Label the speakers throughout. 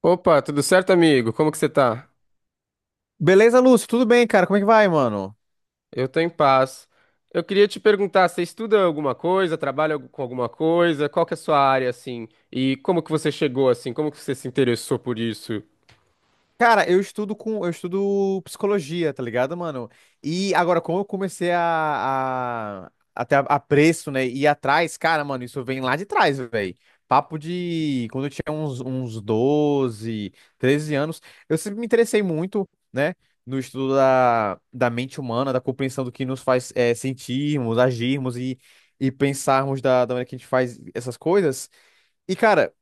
Speaker 1: Opa, tudo certo, amigo? Como que você tá?
Speaker 2: Beleza, Lúcio? Tudo bem, cara? Como é que vai, mano?
Speaker 1: Eu tô em paz. Eu queria te perguntar, você estuda alguma coisa, trabalha com alguma coisa? Qual que é a sua área, assim? E como que você chegou, assim? Como que você se interessou por isso?
Speaker 2: Cara, eu estudo psicologia, tá ligado, mano? E agora, como eu comecei a ter apreço, né, e ir atrás, cara, mano, isso vem lá de trás, velho. Papo de quando eu tinha uns 12, 13 anos, eu sempre me interessei muito, né, no estudo da mente humana, da compreensão do que nos faz sentirmos, agirmos e pensarmos da maneira que a gente faz essas coisas. E, cara,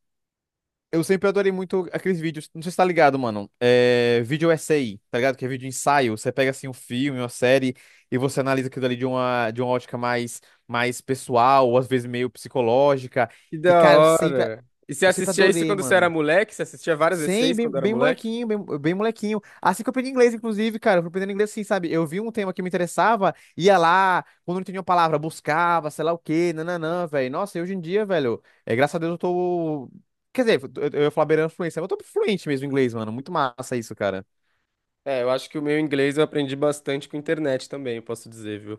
Speaker 2: eu sempre adorei muito aqueles vídeos. Não sei se tá ligado, mano. É, vídeo essay, tá ligado? Que é vídeo ensaio. Você pega assim um filme, uma série, e você analisa aquilo ali de uma ótica mais, mais pessoal, ou às vezes meio psicológica.
Speaker 1: Que
Speaker 2: E,
Speaker 1: da
Speaker 2: cara, eu sempre,
Speaker 1: hora! E você
Speaker 2: eu sempre
Speaker 1: assistia isso
Speaker 2: adorei,
Speaker 1: quando você era
Speaker 2: mano.
Speaker 1: moleque? Você assistia várias
Speaker 2: Sim,
Speaker 1: E6
Speaker 2: bem,
Speaker 1: quando era
Speaker 2: bem
Speaker 1: moleque?
Speaker 2: molequinho, bem, bem molequinho. Assim que eu aprendi inglês, inclusive, cara, eu fui aprendendo inglês assim, sabe? Eu vi um tema que me interessava, ia lá, quando não entendia uma palavra, buscava, sei lá o quê, nananã, velho. Nossa, e hoje em dia, velho, é, graças a Deus eu tô. Quer dizer, eu ia falar beirando fluência, mas eu tô fluente mesmo em inglês, mano. Muito massa isso, cara.
Speaker 1: É, eu acho que o meu inglês eu aprendi bastante com internet também, eu posso dizer, viu?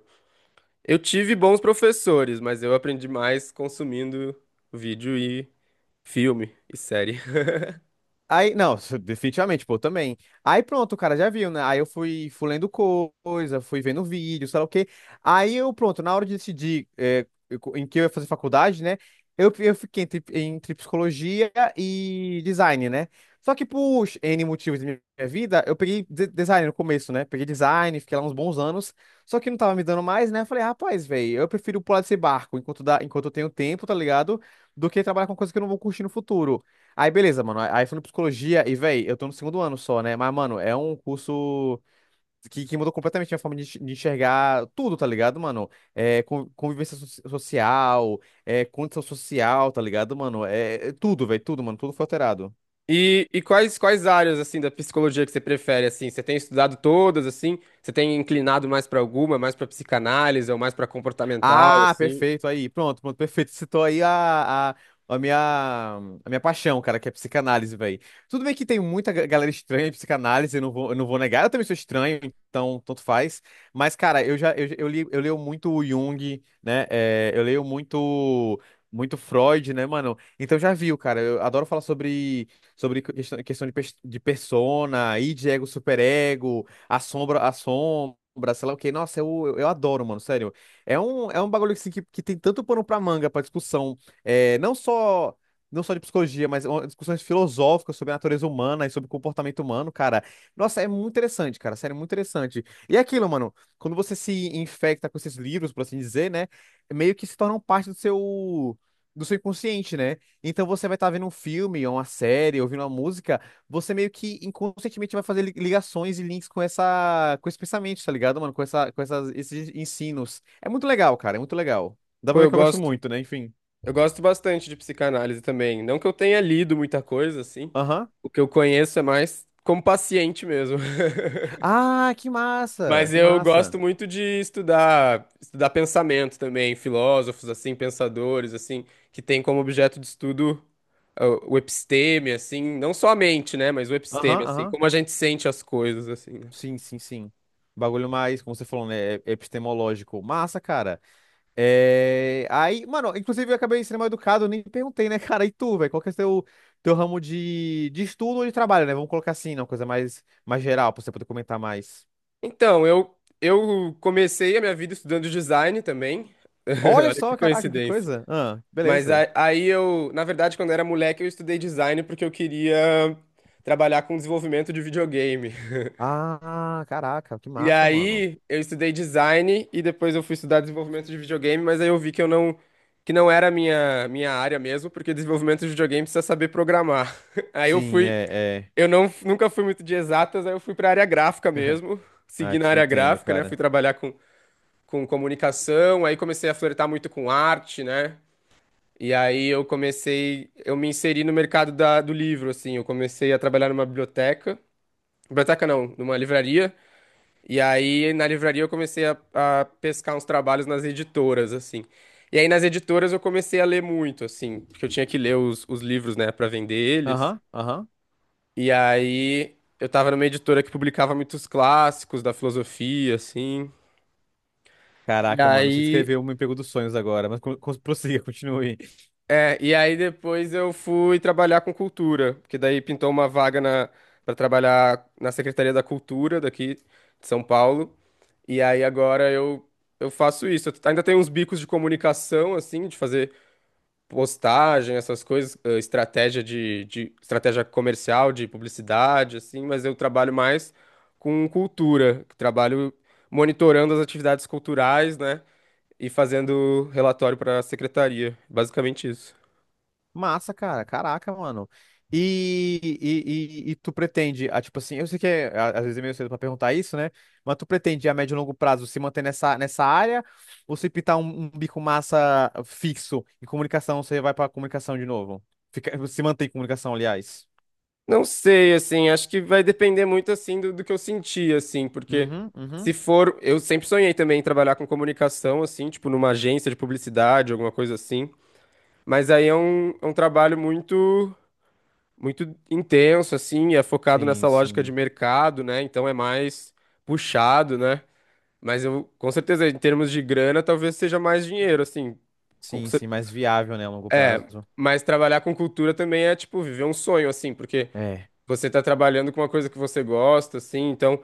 Speaker 1: Eu tive bons professores, mas eu aprendi mais consumindo vídeo e filme e série.
Speaker 2: Aí, não, isso definitivamente, pô, também. Aí pronto, o cara já viu, né? Aí eu fui, fui lendo coisa, fui vendo vídeo, sei lá o quê. Aí eu, pronto, na hora de decidir em que eu ia fazer faculdade, né? Eu fiquei entre psicologia e design, né? Só que por N motivos da minha vida, eu peguei design no começo, né? Peguei design, fiquei lá uns bons anos. Só que não tava me dando mais, né? Eu falei, rapaz, velho, eu prefiro pular desse barco enquanto eu tenho tempo, tá ligado? Do que trabalhar com coisa que eu não vou curtir no futuro. Aí, beleza, mano. Aí fui no psicologia e, véi, eu tô no segundo ano só, né? Mas, mano, é um curso que mudou completamente minha forma de enxergar tudo, tá ligado, mano? É, convivência social, é, condição social, tá ligado, mano? É tudo, véi, tudo, mano. Tudo foi alterado.
Speaker 1: E quais, quais áreas, assim, da psicologia que você prefere, assim? Você tem estudado todas, assim? Você tem inclinado mais para alguma, mais para psicanálise ou mais para comportamental,
Speaker 2: Ah,
Speaker 1: assim?
Speaker 2: perfeito, aí, pronto, perfeito. Citou aí a minha, a minha paixão, cara, que é psicanálise, velho. Tudo bem que tem muita galera estranha em psicanálise, eu não vou negar, eu também sou estranho, então tanto faz. Mas, cara, eu já, eu li, eu leio muito o Jung, né, eu leio muito, muito Freud, né, mano? Então já viu, cara, eu adoro falar sobre questão de, de persona, id, ego, superego, a sombra, sei lá o quê. Nossa, eu adoro, mano, sério. É um bagulho assim, que tem tanto pano pra manga, pra discussão, é, não só não só de psicologia, mas discussões filosóficas sobre a natureza humana e sobre o comportamento humano, cara. Nossa, é muito interessante, cara, sério, muito interessante. E é aquilo, mano, quando você se infecta com esses livros, por assim dizer, né, meio que se tornam parte do seu inconsciente, né? Então você vai estar vendo um filme, ou uma série, ouvindo uma música, você meio que inconscientemente vai fazer ligações e links com essa, com esse pensamento, tá ligado, mano? Com esses ensinos. É muito legal, cara, é muito legal. Dá
Speaker 1: Pô,
Speaker 2: pra ver
Speaker 1: eu
Speaker 2: que eu gosto
Speaker 1: gosto.
Speaker 2: muito, né? Enfim.
Speaker 1: Eu gosto bastante de psicanálise também. Não que eu tenha lido muita coisa, assim.
Speaker 2: Aham.
Speaker 1: O que eu conheço é mais como paciente mesmo.
Speaker 2: Ah, que massa,
Speaker 1: Mas
Speaker 2: que
Speaker 1: eu
Speaker 2: massa.
Speaker 1: gosto muito de estudar, estudar pensamento também, filósofos assim, pensadores assim, que têm como objeto de estudo o episteme assim, não só a mente, né, mas o episteme
Speaker 2: Aham,
Speaker 1: assim,
Speaker 2: aham.
Speaker 1: como a gente sente as coisas assim, né?
Speaker 2: Sim, sim, sim. Bagulho mais, como você falou, né? É epistemológico. Massa, cara. Aí, mano, inclusive eu acabei sendo mal educado, eu nem perguntei, né, cara? E tu, velho? Qual que é o teu ramo de estudo ou de trabalho, né? Vamos colocar assim, né? Uma coisa mais, geral, pra você poder comentar mais.
Speaker 1: Então, eu comecei a minha vida estudando design também.
Speaker 2: Olha
Speaker 1: Olha que
Speaker 2: só, caraca, que
Speaker 1: coincidência.
Speaker 2: coisa. Ah,
Speaker 1: Mas
Speaker 2: beleza.
Speaker 1: aí eu, na verdade, quando eu era moleque, eu estudei design porque eu queria trabalhar com desenvolvimento de videogame.
Speaker 2: Ah, caraca, que
Speaker 1: E
Speaker 2: massa, mano.
Speaker 1: aí eu estudei design e depois eu fui estudar desenvolvimento de videogame, mas aí eu vi que eu não que não era a minha área mesmo, porque desenvolvimento de videogame precisa saber programar. Aí eu
Speaker 2: Sim,
Speaker 1: fui,
Speaker 2: é, é.
Speaker 1: eu não nunca fui muito de exatas, aí eu fui para área gráfica mesmo,
Speaker 2: Ah,
Speaker 1: segui na
Speaker 2: te
Speaker 1: área
Speaker 2: entendo,
Speaker 1: gráfica, né?
Speaker 2: cara.
Speaker 1: Fui trabalhar com comunicação, aí comecei a flertar muito com arte, né? E aí eu comecei, eu me inseri no mercado do livro, assim, eu comecei a trabalhar numa biblioteca, biblioteca não, numa livraria. E aí, na livraria, eu comecei a pescar uns trabalhos nas editoras, assim. E aí, nas editoras, eu comecei a ler muito, assim, porque eu tinha que ler os livros, né, pra vender eles.
Speaker 2: Aham, aham.
Speaker 1: E aí, eu tava numa editora que publicava muitos clássicos da filosofia, assim. E
Speaker 2: Caraca, mano, você
Speaker 1: aí,
Speaker 2: descreveu um emprego dos sonhos agora, mas prossiga, continue.
Speaker 1: É, e aí depois eu fui trabalhar com cultura, porque daí pintou uma vaga na para trabalhar na Secretaria da Cultura daqui de São Paulo. E aí agora eu faço isso. Eu ainda tenho uns bicos de comunicação assim, de fazer postagem, essas coisas, estratégia de estratégia comercial, de publicidade assim, mas eu trabalho mais com cultura, trabalho monitorando as atividades culturais, né, e fazendo relatório para a secretaria. Basicamente isso.
Speaker 2: Massa, cara. Caraca, mano. E tu pretende, tipo assim, eu sei que às vezes é meio cedo pra perguntar isso, né? Mas tu pretende a médio e longo prazo se manter nessa área ou se pintar um bico massa fixo em comunicação, você vai pra comunicação de novo? Se manter em comunicação, aliás.
Speaker 1: Não sei, assim, acho que vai depender muito, assim, do que eu senti, assim, porque
Speaker 2: Uhum,
Speaker 1: se
Speaker 2: uhum.
Speaker 1: for, eu sempre sonhei também em trabalhar com comunicação, assim, tipo, numa agência de publicidade, alguma coisa assim, mas aí é um trabalho muito, muito intenso, assim, é focado
Speaker 2: Sim,
Speaker 1: nessa lógica de
Speaker 2: sim.
Speaker 1: mercado, né, então é mais puxado, né, mas eu, com certeza, em termos de grana, talvez seja mais dinheiro, assim, com
Speaker 2: Sim,
Speaker 1: cer-
Speaker 2: sim, mais viável, né, a longo
Speaker 1: é,
Speaker 2: prazo.
Speaker 1: mas trabalhar com cultura também é, tipo, viver um sonho, assim, porque...
Speaker 2: É.
Speaker 1: Você tá trabalhando com uma coisa que você gosta, assim, então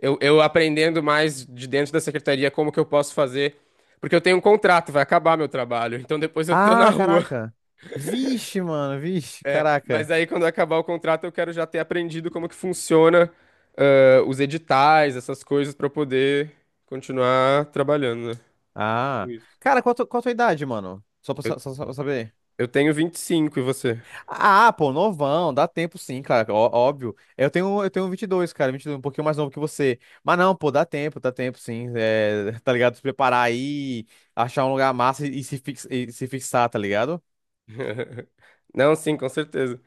Speaker 1: eu aprendendo mais de dentro da secretaria como que eu posso fazer. Porque eu tenho um contrato, vai acabar meu trabalho, então depois eu tô na
Speaker 2: Ah,
Speaker 1: rua.
Speaker 2: caraca. Vixe, mano, vixe, caraca.
Speaker 1: Mas aí quando acabar o contrato, eu quero já ter aprendido como que funciona, ah, os editais, essas coisas, pra eu poder continuar trabalhando, né?
Speaker 2: Ah.
Speaker 1: Isso.
Speaker 2: Cara, qual a tua idade, mano? Só pra,
Speaker 1: Eu,
Speaker 2: sa- só, só pra saber.
Speaker 1: eu tenho 25 e cinco e você?
Speaker 2: Ah, pô, novão, dá tempo sim, cara, óbvio. Eu tenho 22, cara, 22, um pouquinho mais novo que você. Mas não, pô, dá tempo sim. É, tá ligado? Se preparar aí, achar um lugar massa e se fixar, tá ligado?
Speaker 1: Não, sim, com certeza.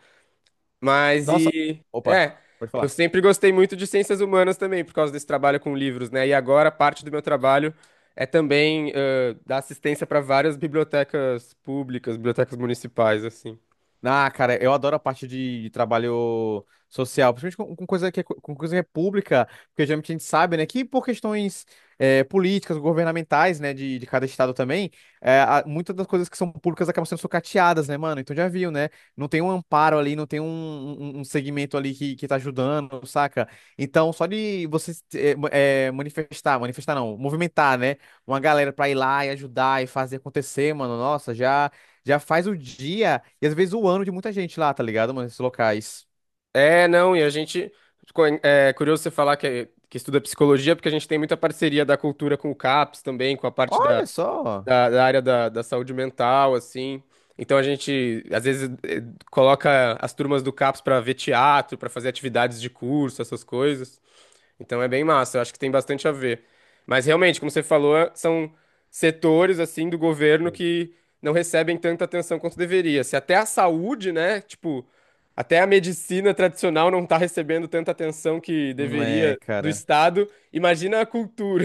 Speaker 1: Mas
Speaker 2: Nossa,
Speaker 1: e
Speaker 2: opa,
Speaker 1: é,
Speaker 2: pode
Speaker 1: eu
Speaker 2: falar.
Speaker 1: sempre gostei muito de ciências humanas também, por causa desse trabalho com livros, né? E agora parte do meu trabalho é também dar assistência para várias bibliotecas públicas, bibliotecas municipais, assim.
Speaker 2: Ah, cara, eu adoro a parte de trabalho social, principalmente com coisa que é, pública, porque geralmente a gente sabe, né, que por questões políticas, governamentais, né, de cada estado também, muitas das coisas que são públicas acabam sendo sucateadas, né, mano? Então já viu, né? Não tem um amparo ali, não tem um segmento ali que tá ajudando, saca? Então, só de você manifestar, manifestar não, movimentar, né, uma galera pra ir lá e ajudar e fazer acontecer, mano, nossa, já. Já faz o dia e às vezes o ano de muita gente lá, tá ligado, mano? Esses locais.
Speaker 1: É, não, e a gente. É curioso você falar que estuda psicologia, porque a gente tem muita parceria da cultura com o CAPS também, com a parte da.
Speaker 2: Olha só.
Speaker 1: da área da saúde mental, assim. Então a gente, às vezes, coloca as turmas do CAPS para ver teatro, para fazer atividades de curso, essas coisas. Então é bem massa, eu acho que tem bastante a ver. Mas realmente, como você falou, são setores, assim, do governo que não recebem tanta atenção quanto deveria. Se até a saúde, né, tipo, até a medicina tradicional não está recebendo tanta atenção que
Speaker 2: É,
Speaker 1: deveria do
Speaker 2: cara.
Speaker 1: Estado, imagina a cultura.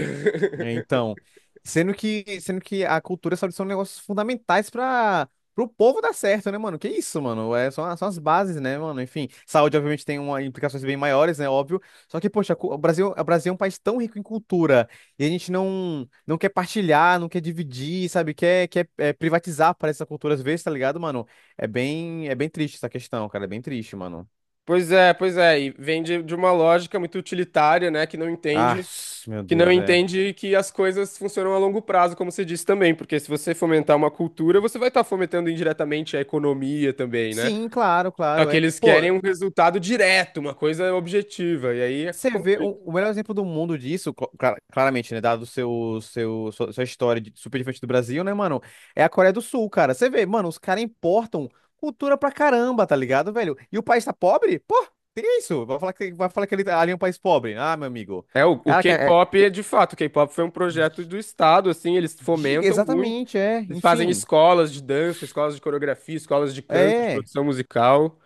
Speaker 2: É, então, sendo que a cultura e a saúde são negócios fundamentais para o povo dar certo, né, mano? Que isso, mano? É, são as bases, né, mano? Enfim, saúde obviamente tem implicações bem maiores, né, óbvio. Só que, poxa, o Brasil é um país tão rico em cultura e a gente não quer partilhar, não quer dividir, sabe? Quer privatizar para essa cultura às vezes, tá ligado, mano? É bem triste essa questão, cara, é bem triste, mano.
Speaker 1: Pois é, e vem de uma lógica muito utilitária, né, que não
Speaker 2: Ah,
Speaker 1: entende,
Speaker 2: meu Deus, é.
Speaker 1: que as coisas funcionam a longo prazo, como você disse também, porque se você fomentar uma cultura, você vai estar fomentando indiretamente a economia também, né?
Speaker 2: Sim, claro,
Speaker 1: Só
Speaker 2: claro,
Speaker 1: que
Speaker 2: é.
Speaker 1: eles
Speaker 2: Pô,
Speaker 1: querem um resultado direto, uma coisa objetiva, e aí é
Speaker 2: você vê o,
Speaker 1: complicado.
Speaker 2: o melhor exemplo do mundo disso, claramente, né? Dado o seu, seu, sua, sua história super diferente do Brasil, né, mano? É a Coreia do Sul, cara. Você vê, mano, os caras importam cultura pra caramba, tá ligado, velho? E o país tá pobre? Pô, teria isso. Vai falar que ali é um país pobre. Ah, meu amigo.
Speaker 1: É, o
Speaker 2: Cara,
Speaker 1: K-pop é de fato, o K-pop foi um projeto do Estado, assim, eles
Speaker 2: diga
Speaker 1: fomentam muito.
Speaker 2: exatamente, é.
Speaker 1: Eles fazem
Speaker 2: Enfim.
Speaker 1: escolas de dança, escolas de coreografia, escolas de canto, de
Speaker 2: É.
Speaker 1: produção musical.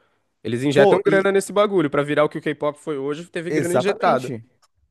Speaker 1: Eles injetam
Speaker 2: Pô, e
Speaker 1: grana nesse bagulho. Pra virar o que o K-pop foi hoje, teve grana injetada.
Speaker 2: exatamente.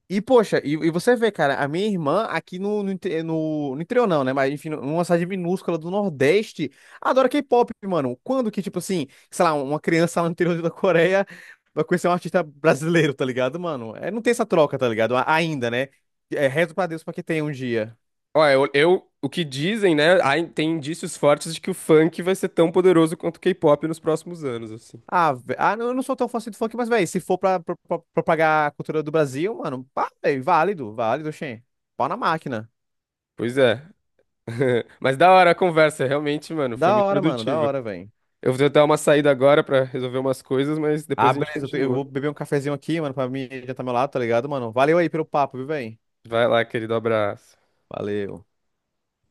Speaker 2: E, poxa, e você vê, cara, a minha irmã aqui no interior não, né? Mas, enfim, numa cidade minúscula do Nordeste, adora K-pop, mano. Quando que, tipo assim, sei lá, uma criança lá no interior da Coreia vai conhecer um artista brasileiro, tá ligado, mano? É, não tem essa troca, tá ligado? Ainda, né? É, rezo pra Deus pra que tenha um dia.
Speaker 1: Ó, o que dizem, né? Tem indícios fortes de que o funk vai ser tão poderoso quanto o K-pop nos próximos anos, assim.
Speaker 2: Ah, não, eu não sou tão fã assim do funk, mas, velho, se for propagar a cultura do Brasil, mano, pá, véi, válido, válido, xê. Pau na máquina.
Speaker 1: Pois é. Mas da hora a conversa, realmente, mano, foi
Speaker 2: Da
Speaker 1: muito
Speaker 2: hora, mano, da
Speaker 1: produtiva.
Speaker 2: hora, velho.
Speaker 1: Eu vou tentar uma saída agora pra resolver umas coisas, mas
Speaker 2: Ah,
Speaker 1: depois a gente
Speaker 2: beleza. Eu
Speaker 1: continua.
Speaker 2: vou beber um cafezinho aqui, mano, pra mim adiantar meu lado, tá ligado, mano? Valeu aí pelo papo, viu, velho?
Speaker 1: Vai lá, querido, abraço.
Speaker 2: Valeu.